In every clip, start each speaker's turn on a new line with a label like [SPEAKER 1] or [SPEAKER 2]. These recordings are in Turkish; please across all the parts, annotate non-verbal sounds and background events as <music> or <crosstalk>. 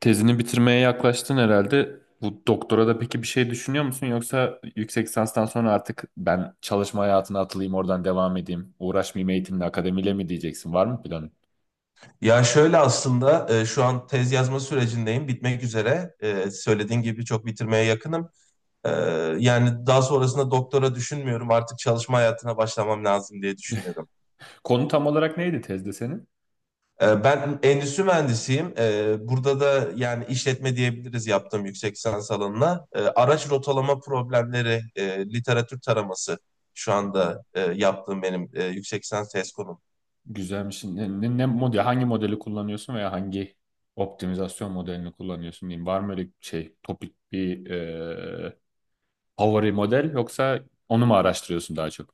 [SPEAKER 1] Tezini bitirmeye yaklaştın herhalde. Bu doktora da peki bir şey düşünüyor musun? Yoksa yüksek lisanstan sonra artık ben çalışma hayatına atılayım, oradan devam edeyim, uğraşmayayım eğitimle, akademiyle mi diyeceksin? Var mı planın?
[SPEAKER 2] Ya şöyle aslında şu an tez yazma sürecindeyim. Bitmek üzere. Söylediğin gibi çok bitirmeye yakınım. E, Yani daha sonrasında doktora düşünmüyorum. Artık çalışma hayatına başlamam lazım diye düşünüyorum.
[SPEAKER 1] Konu tam olarak neydi tezde senin?
[SPEAKER 2] Ben endüstri mühendisiyim. Burada da yani işletme diyebiliriz yaptığım yüksek lisans alanına. Araç rotalama problemleri, literatür taraması şu
[SPEAKER 1] Hmm.
[SPEAKER 2] anda yaptığım benim yüksek lisans tez konum.
[SPEAKER 1] Güzelmiş. Ne model, hangi modeli kullanıyorsun veya hangi optimizasyon modelini kullanıyorsun diyeyim. Var mı öyle şey, topik bir favori model yoksa onu mu araştırıyorsun daha çok?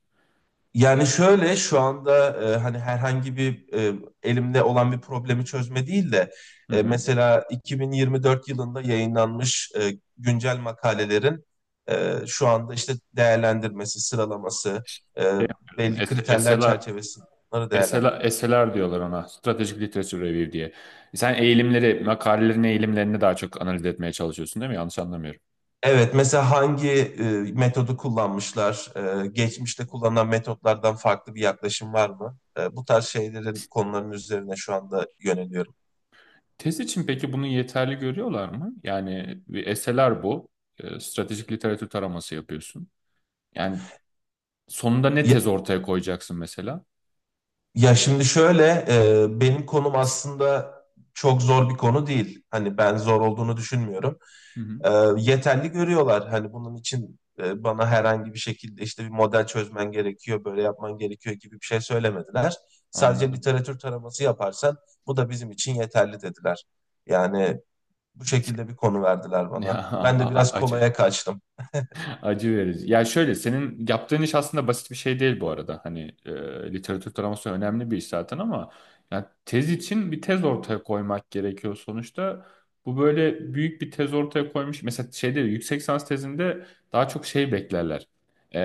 [SPEAKER 2] Yani şöyle şu anda, hani herhangi bir, elimde olan bir problemi çözme değil de
[SPEAKER 1] Hı hı.
[SPEAKER 2] mesela 2024 yılında yayınlanmış güncel makalelerin şu anda işte değerlendirmesi, sıralaması, e,
[SPEAKER 1] Şey yapıyorsun,
[SPEAKER 2] belli kriterler
[SPEAKER 1] SLR.
[SPEAKER 2] çerçevesinde bunları değerlendiriyor.
[SPEAKER 1] SLR, SLR diyorlar ona. Strategic Literature Review diye. Sen eğilimleri, makalelerin eğilimlerini daha çok analiz etmeye çalışıyorsun değil mi? Yanlış anlamıyorum.
[SPEAKER 2] Evet, mesela hangi metodu kullanmışlar, geçmişte kullanılan metotlardan farklı bir yaklaşım var mı? Bu tarz şeylerin konuların üzerine şu anda yöneliyorum.
[SPEAKER 1] Tez için peki bunu yeterli görüyorlar mı? Yani bir SLR bu. Stratejik literatür taraması yapıyorsun. Yani sonunda ne tez ortaya koyacaksın mesela?
[SPEAKER 2] Ya şimdi şöyle, benim konum aslında çok zor bir konu değil. Hani ben zor olduğunu düşünmüyorum.
[SPEAKER 1] Hı hı,
[SPEAKER 2] E, Yeterli görüyorlar. Hani bunun için bana herhangi bir şekilde işte bir model çözmen gerekiyor, böyle yapman gerekiyor gibi bir şey söylemediler. Sadece
[SPEAKER 1] anladım.
[SPEAKER 2] literatür taraması yaparsan bu da bizim için yeterli dediler. Yani bu şekilde bir konu verdiler
[SPEAKER 1] <laughs>
[SPEAKER 2] bana. Ben de
[SPEAKER 1] Ya,
[SPEAKER 2] biraz
[SPEAKER 1] acı.
[SPEAKER 2] kolaya kaçtım.
[SPEAKER 1] Acı verici. Ya şöyle senin yaptığın iş aslında basit bir şey değil bu arada. Hani literatür taraması önemli bir iş zaten ama ya tez için bir tez ortaya koymak gerekiyor sonuçta. Bu böyle büyük bir tez ortaya koymuş. Mesela şeyde yüksek lisans tezinde daha çok şey beklerler. E,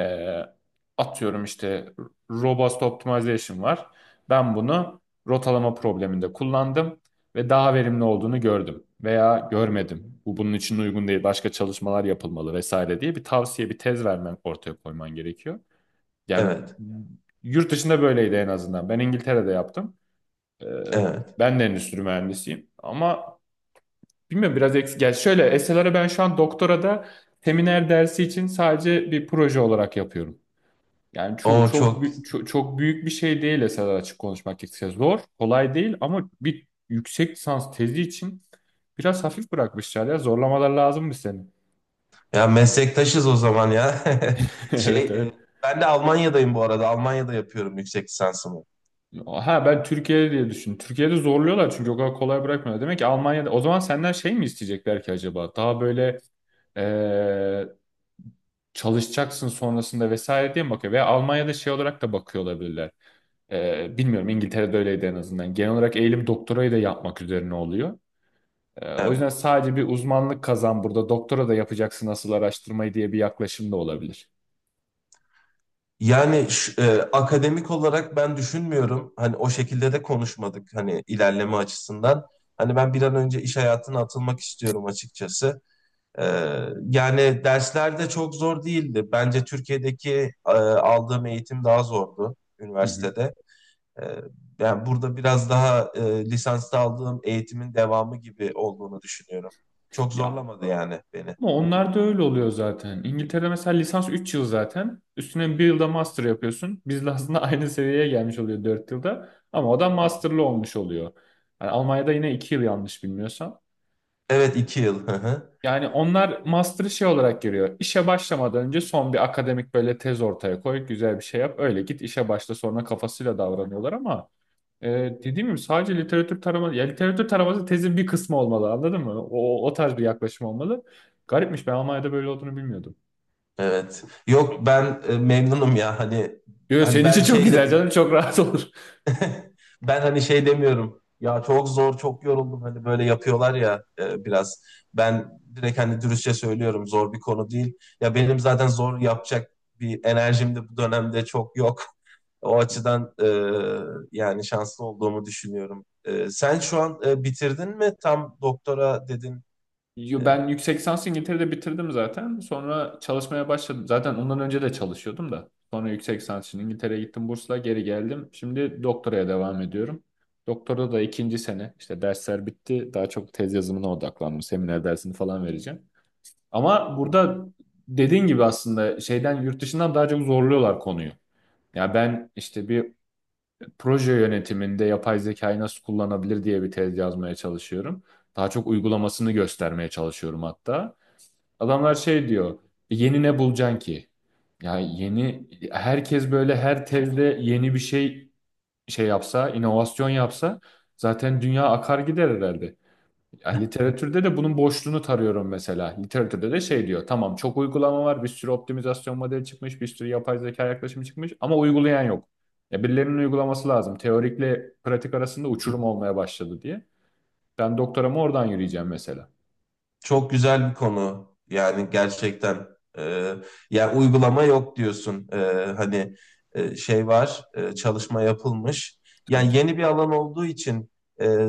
[SPEAKER 1] atıyorum işte robust optimization var. Ben bunu rotalama probleminde kullandım ve daha verimli olduğunu gördüm veya görmedim. Bu bunun için uygun değil, başka çalışmalar yapılmalı vesaire diye bir tavsiye, bir tez vermen ortaya koyman gerekiyor. Yani
[SPEAKER 2] Evet,
[SPEAKER 1] yurt dışında böyleydi en azından. Ben İngiltere'de yaptım. Ee,
[SPEAKER 2] evet.
[SPEAKER 1] ben de endüstri mühendisiyim ama bilmiyorum biraz eksik. Yani şöyle SLR'ı ben şu an doktorada seminer dersi için sadece bir proje olarak yapıyorum. Yani
[SPEAKER 2] O çok
[SPEAKER 1] çok, çok büyük bir şey değil esasında açık konuşmak gerekirse. Zor, kolay değil ama bir yüksek lisans tezi için biraz hafif bırakmışlar ya. Zorlamalar lazım mı senin?
[SPEAKER 2] Ya, meslektaşız o zaman ya.
[SPEAKER 1] <laughs>
[SPEAKER 2] <laughs> Şey,
[SPEAKER 1] Evet evet.
[SPEAKER 2] e, ben de Almanya'dayım bu arada. Almanya'da yapıyorum yüksek lisansımı.
[SPEAKER 1] Ha ben Türkiye'de diye düşün. Türkiye'de zorluyorlar çünkü o kadar kolay bırakmıyorlar. Demek ki Almanya'da o zaman senden şey mi isteyecekler ki acaba? Daha böyle eee, çalışacaksın sonrasında vesaire diye mi bakıyor? Veya Almanya'da şey olarak da bakıyor olabilirler. Bilmiyorum İngiltere'de öyleydi en azından. Genel olarak eğilim doktorayı da yapmak üzerine oluyor. O yüzden
[SPEAKER 2] Evet.
[SPEAKER 1] sadece bir uzmanlık kazan burada. Doktora da yapacaksın asıl araştırmayı diye bir yaklaşım da olabilir.
[SPEAKER 2] Yani akademik olarak ben düşünmüyorum. Hani o şekilde de konuşmadık hani ilerleme açısından. Hani ben bir an önce iş hayatına atılmak istiyorum açıkçası. E, Yani dersler de çok zor değildi. Bence Türkiye'deki aldığım eğitim daha zordu
[SPEAKER 1] Hı hı.
[SPEAKER 2] üniversitede. Ee, Yani burada biraz daha lisansta aldığım eğitimin devamı gibi olduğunu düşünüyorum. Çok
[SPEAKER 1] Ya
[SPEAKER 2] zorlamadı yani beni.
[SPEAKER 1] ama onlar da öyle oluyor zaten. İngiltere'de mesela lisans 3 yıl zaten. Üstüne bir yılda master yapıyorsun. Bizle aslında <laughs> aynı seviyeye gelmiş oluyor 4 yılda. Ama o da masterlı olmuş oluyor. Yani Almanya'da yine 2 yıl yanlış bilmiyorsam.
[SPEAKER 2] Evet, 2 yıl. Hı hı.
[SPEAKER 1] Yani onlar master'ı şey olarak görüyor. İşe başlamadan önce son bir akademik böyle tez ortaya koy, güzel bir şey yap. Öyle git işe başla sonra kafasıyla davranıyorlar ama. Dediğim gibi sadece literatür taraması, ya literatür taraması tezin bir kısmı olmalı anladın mı? O tarz bir yaklaşım olmalı. Garipmiş, ben Almanya'da böyle olduğunu bilmiyordum.
[SPEAKER 2] Evet. Yok, ben memnunum ya hani.
[SPEAKER 1] Yo,
[SPEAKER 2] Hani
[SPEAKER 1] senin
[SPEAKER 2] ben
[SPEAKER 1] için çok
[SPEAKER 2] şey
[SPEAKER 1] güzel canım, çok rahat olur.
[SPEAKER 2] <laughs> Ben hani şey demiyorum. Ya çok zor, çok yoruldum. Hani böyle yapıyorlar ya, biraz. Ben direkt hani dürüstçe söylüyorum. Zor bir konu değil. Ya benim zaten zor yapacak bir enerjim de bu dönemde çok yok. O açıdan yani şanslı olduğumu düşünüyorum. Sen şu an bitirdin mi? Tam doktora dedin. E,
[SPEAKER 1] Yo, ben yüksek lisansı İngiltere'de bitirdim zaten. Sonra çalışmaya başladım. Zaten ondan önce de çalışıyordum da. Sonra yüksek lisans için İngiltere'ye gittim, bursla geri geldim. Şimdi doktoraya devam ediyorum. Doktorda da ikinci sene, işte dersler bitti. Daha çok tez yazımına odaklandım. Seminer dersini falan vereceğim. Ama burada dediğin gibi aslında şeyden, yurt dışından daha çok zorluyorlar konuyu. Ya ben işte bir proje yönetiminde yapay zekayı nasıl kullanabilir diye bir tez yazmaya çalışıyorum. Daha çok uygulamasını göstermeye çalışıyorum hatta. Adamlar şey diyor, yeni ne bulacaksın ki? Ya yeni, herkes böyle her tezde yeni bir şey yapsa, inovasyon yapsa zaten dünya akar gider herhalde. Ya literatürde de bunun boşluğunu tarıyorum mesela. Literatürde de şey diyor. Tamam, çok uygulama var. Bir sürü optimizasyon modeli çıkmış. Bir sürü yapay zeka yaklaşımı çıkmış. Ama uygulayan yok. Ya birilerinin uygulaması lazım. Teorikle pratik arasında uçurum
[SPEAKER 2] <laughs>
[SPEAKER 1] olmaya başladı diye. Ben doktoramı oradan yürüyeceğim mesela.
[SPEAKER 2] Çok güzel bir konu. Yani gerçekten e, yani uygulama yok diyorsun. Hani şey var, çalışma yapılmış.
[SPEAKER 1] Tabii
[SPEAKER 2] Yani
[SPEAKER 1] tabii.
[SPEAKER 2] yeni bir alan olduğu için e,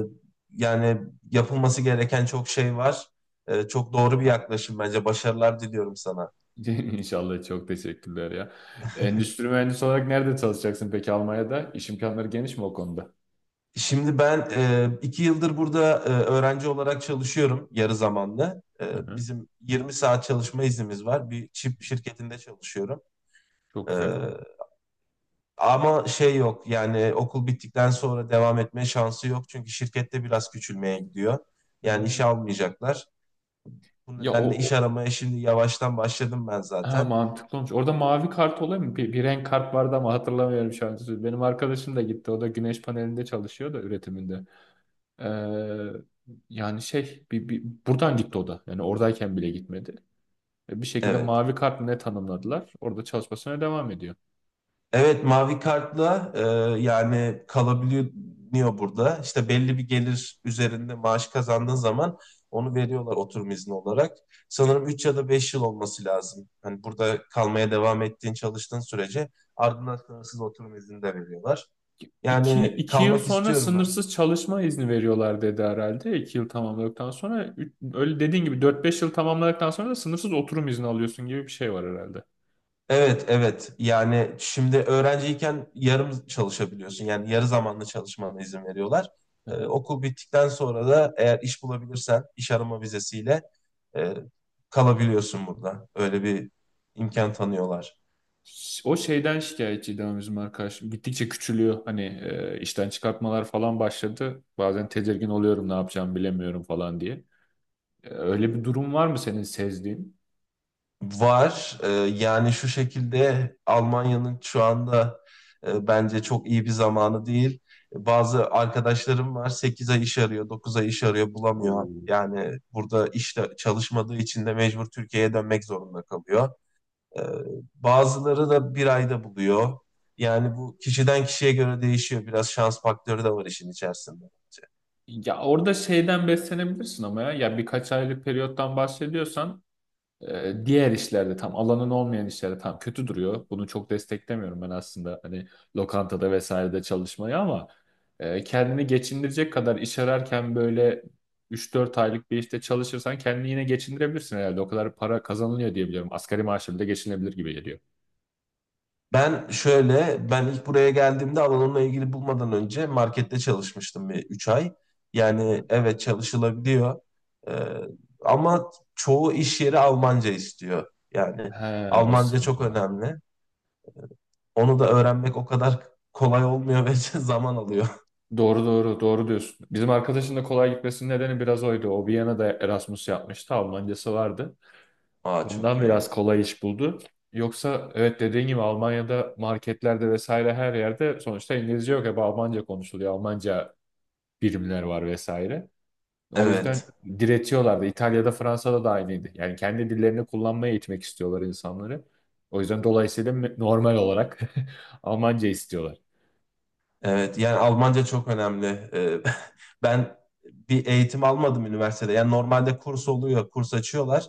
[SPEAKER 2] yani yapılması gereken çok şey var. Çok doğru bir yaklaşım bence. Başarılar diliyorum sana.
[SPEAKER 1] <laughs> İnşallah, çok teşekkürler ya. Endüstri mühendisi olarak nerede çalışacaksın peki Almanya'da? İş imkanları geniş mi o konuda?
[SPEAKER 2] Şimdi ben 2 yıldır burada öğrenci olarak çalışıyorum yarı zamanlı.
[SPEAKER 1] Hı hı.
[SPEAKER 2] Bizim 20 saat çalışma iznimiz var. Bir çip şirketinde çalışıyorum.
[SPEAKER 1] Çok
[SPEAKER 2] E,
[SPEAKER 1] güzel.
[SPEAKER 2] Ama şey yok yani okul bittikten sonra devam etme şansı yok. Çünkü şirkette biraz küçülmeye gidiyor. Yani işe
[SPEAKER 1] Ee,
[SPEAKER 2] almayacaklar. Bu
[SPEAKER 1] Ya
[SPEAKER 2] nedenle iş
[SPEAKER 1] o,
[SPEAKER 2] aramaya şimdi yavaştan başladım ben
[SPEAKER 1] Ha,
[SPEAKER 2] zaten.
[SPEAKER 1] mantıklı olmuş. Orada mavi kart oluyor mu? Bir renk kart vardı ama hatırlamıyorum şu an. Benim arkadaşım da gitti. O da güneş panelinde çalışıyor, da üretiminde. Ee, yani şey, buradan gitti o da. Yani oradayken bile gitmedi. Bir şekilde
[SPEAKER 2] Evet.
[SPEAKER 1] mavi kart mı ne tanımladılar. Orada çalışmasına devam ediyor.
[SPEAKER 2] Evet, mavi kartla yani kalabiliyor burada. İşte belli bir gelir üzerinde maaş kazandığın zaman onu veriyorlar oturum izni olarak. Sanırım 3 ya da 5 yıl olması lazım. Hani burada kalmaya devam ettiğin çalıştığın sürece ardından sınırsız oturum izni de veriyorlar.
[SPEAKER 1] İki,
[SPEAKER 2] Yani
[SPEAKER 1] iki yıl
[SPEAKER 2] kalmak
[SPEAKER 1] sonra
[SPEAKER 2] istiyorum ben.
[SPEAKER 1] sınırsız çalışma izni veriyorlar dedi herhalde. 2 yıl tamamladıktan sonra öyle dediğin gibi 4-5 yıl tamamladıktan sonra da sınırsız oturum izni alıyorsun gibi bir şey var herhalde.
[SPEAKER 2] Evet, evet. Yani şimdi öğrenciyken yarım çalışabiliyorsun. Yani yarı zamanlı çalışmana izin veriyorlar. Okul bittikten sonra da eğer iş bulabilirsen iş arama vizesiyle e, kalabiliyorsun burada. Öyle bir imkan tanıyorlar.
[SPEAKER 1] O şeyden şikayetçiydi ama bizim arkadaşım. Gittikçe küçülüyor. Hani işten çıkartmalar falan başladı. Bazen tedirgin oluyorum, ne yapacağımı bilemiyorum falan diye. Öyle bir durum var mı senin sezdiğin?
[SPEAKER 2] Var. Yani şu şekilde Almanya'nın şu anda bence çok iyi bir zamanı değil. Bazı arkadaşlarım var 8 ay iş arıyor, 9 ay iş arıyor bulamıyor.
[SPEAKER 1] Oo.
[SPEAKER 2] Yani burada işte çalışmadığı için de mecbur Türkiye'ye dönmek zorunda kalıyor. Ee, Bazıları da bir ayda buluyor. Yani bu kişiden kişiye göre değişiyor. Biraz şans faktörü de var işin içerisinde.
[SPEAKER 1] Ya orada şeyden beslenebilirsin ama ya. Ya birkaç aylık periyottan bahsediyorsan Diğer işlerde, tam alanın olmayan işlerde tam kötü duruyor. Bunu çok desteklemiyorum ben aslında, hani lokantada vesairede çalışmayı, ama kendini geçindirecek kadar iş ararken böyle 3-4 aylık bir işte çalışırsan kendini yine geçindirebilirsin herhalde. O kadar para kazanılıyor diye biliyorum. Asgari maaşla bile geçinebilir gibi geliyor.
[SPEAKER 2] Ben ilk buraya geldiğimde alanımla ilgili bulmadan önce markette çalışmıştım bir 3 ay. Yani evet, çalışılabiliyor. Ee, Ama çoğu iş yeri Almanca istiyor. Yani
[SPEAKER 1] He, o
[SPEAKER 2] Almanca çok
[SPEAKER 1] sıkıntı var.
[SPEAKER 2] önemli. Onu da öğrenmek o kadar kolay olmuyor ve <laughs> zaman alıyor.
[SPEAKER 1] Doğru doğru doğru diyorsun. Bizim arkadaşın da kolay gitmesinin nedeni biraz oydu. O Viyana'da Erasmus yapmıştı. Almancası vardı.
[SPEAKER 2] Aa, çok
[SPEAKER 1] Ondan
[SPEAKER 2] iyi.
[SPEAKER 1] biraz kolay iş buldu. Yoksa evet, dediğin gibi Almanya'da marketlerde vesaire, her yerde sonuçta İngilizce yok. Hep Almanca konuşuluyor. Almanca birimler var vesaire. O yüzden
[SPEAKER 2] Evet.
[SPEAKER 1] diretiyorlardı. İtalya'da, Fransa'da da aynıydı. Yani kendi dillerini kullanmaya eğitmek istiyorlar insanları. O yüzden dolayısıyla normal olarak <laughs> Almanca istiyorlar.
[SPEAKER 2] Evet, yani Almanca çok önemli. <laughs> Ben bir eğitim almadım üniversitede. Yani normalde kurs oluyor, kurs açıyorlar.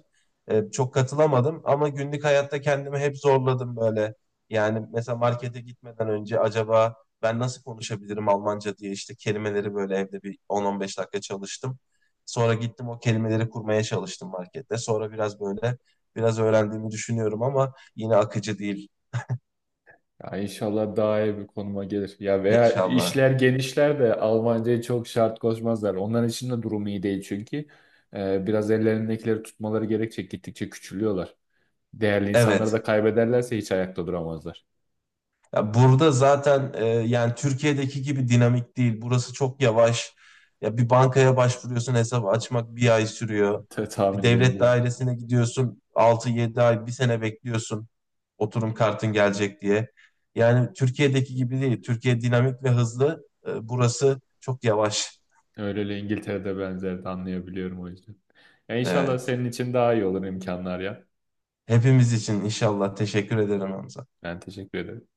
[SPEAKER 2] Çok katılamadım ama günlük hayatta kendimi hep zorladım böyle. Yani mesela markete gitmeden önce acaba ben nasıl konuşabilirim Almanca diye işte kelimeleri böyle evde bir 10-15 dakika çalıştım. Sonra gittim o kelimeleri kurmaya çalıştım markette. Sonra biraz böyle biraz öğrendiğimi düşünüyorum ama yine akıcı değil
[SPEAKER 1] Ya inşallah daha iyi bir konuma gelir. Ya veya
[SPEAKER 2] inşallah.
[SPEAKER 1] işler genişler de Almanca'ya çok şart koşmazlar. Onların için de durum iyi değil çünkü. Biraz ellerindekileri tutmaları gerekecek. Gittikçe küçülüyorlar. Değerli insanları da
[SPEAKER 2] Evet.
[SPEAKER 1] kaybederlerse hiç ayakta duramazlar.
[SPEAKER 2] Ya burada zaten yani Türkiye'deki gibi dinamik değil. Burası çok yavaş. Ya bir bankaya başvuruyorsun, hesap açmak bir ay sürüyor.
[SPEAKER 1] Ta-
[SPEAKER 2] Bir
[SPEAKER 1] tahmin
[SPEAKER 2] devlet
[SPEAKER 1] edebiliyorum.
[SPEAKER 2] dairesine gidiyorsun 6-7 ay bir sene bekliyorsun oturum kartın gelecek diye. Yani Türkiye'deki gibi değil. Türkiye dinamik ve hızlı. Burası çok yavaş.
[SPEAKER 1] Öyle öyle, İngiltere'de benzerdi, anlayabiliyorum o yüzden. Ya inşallah senin
[SPEAKER 2] Evet.
[SPEAKER 1] için daha iyi olur imkanlar ya.
[SPEAKER 2] Hepimiz için inşallah. Teşekkür ederim Hamza.
[SPEAKER 1] Ben teşekkür ederim.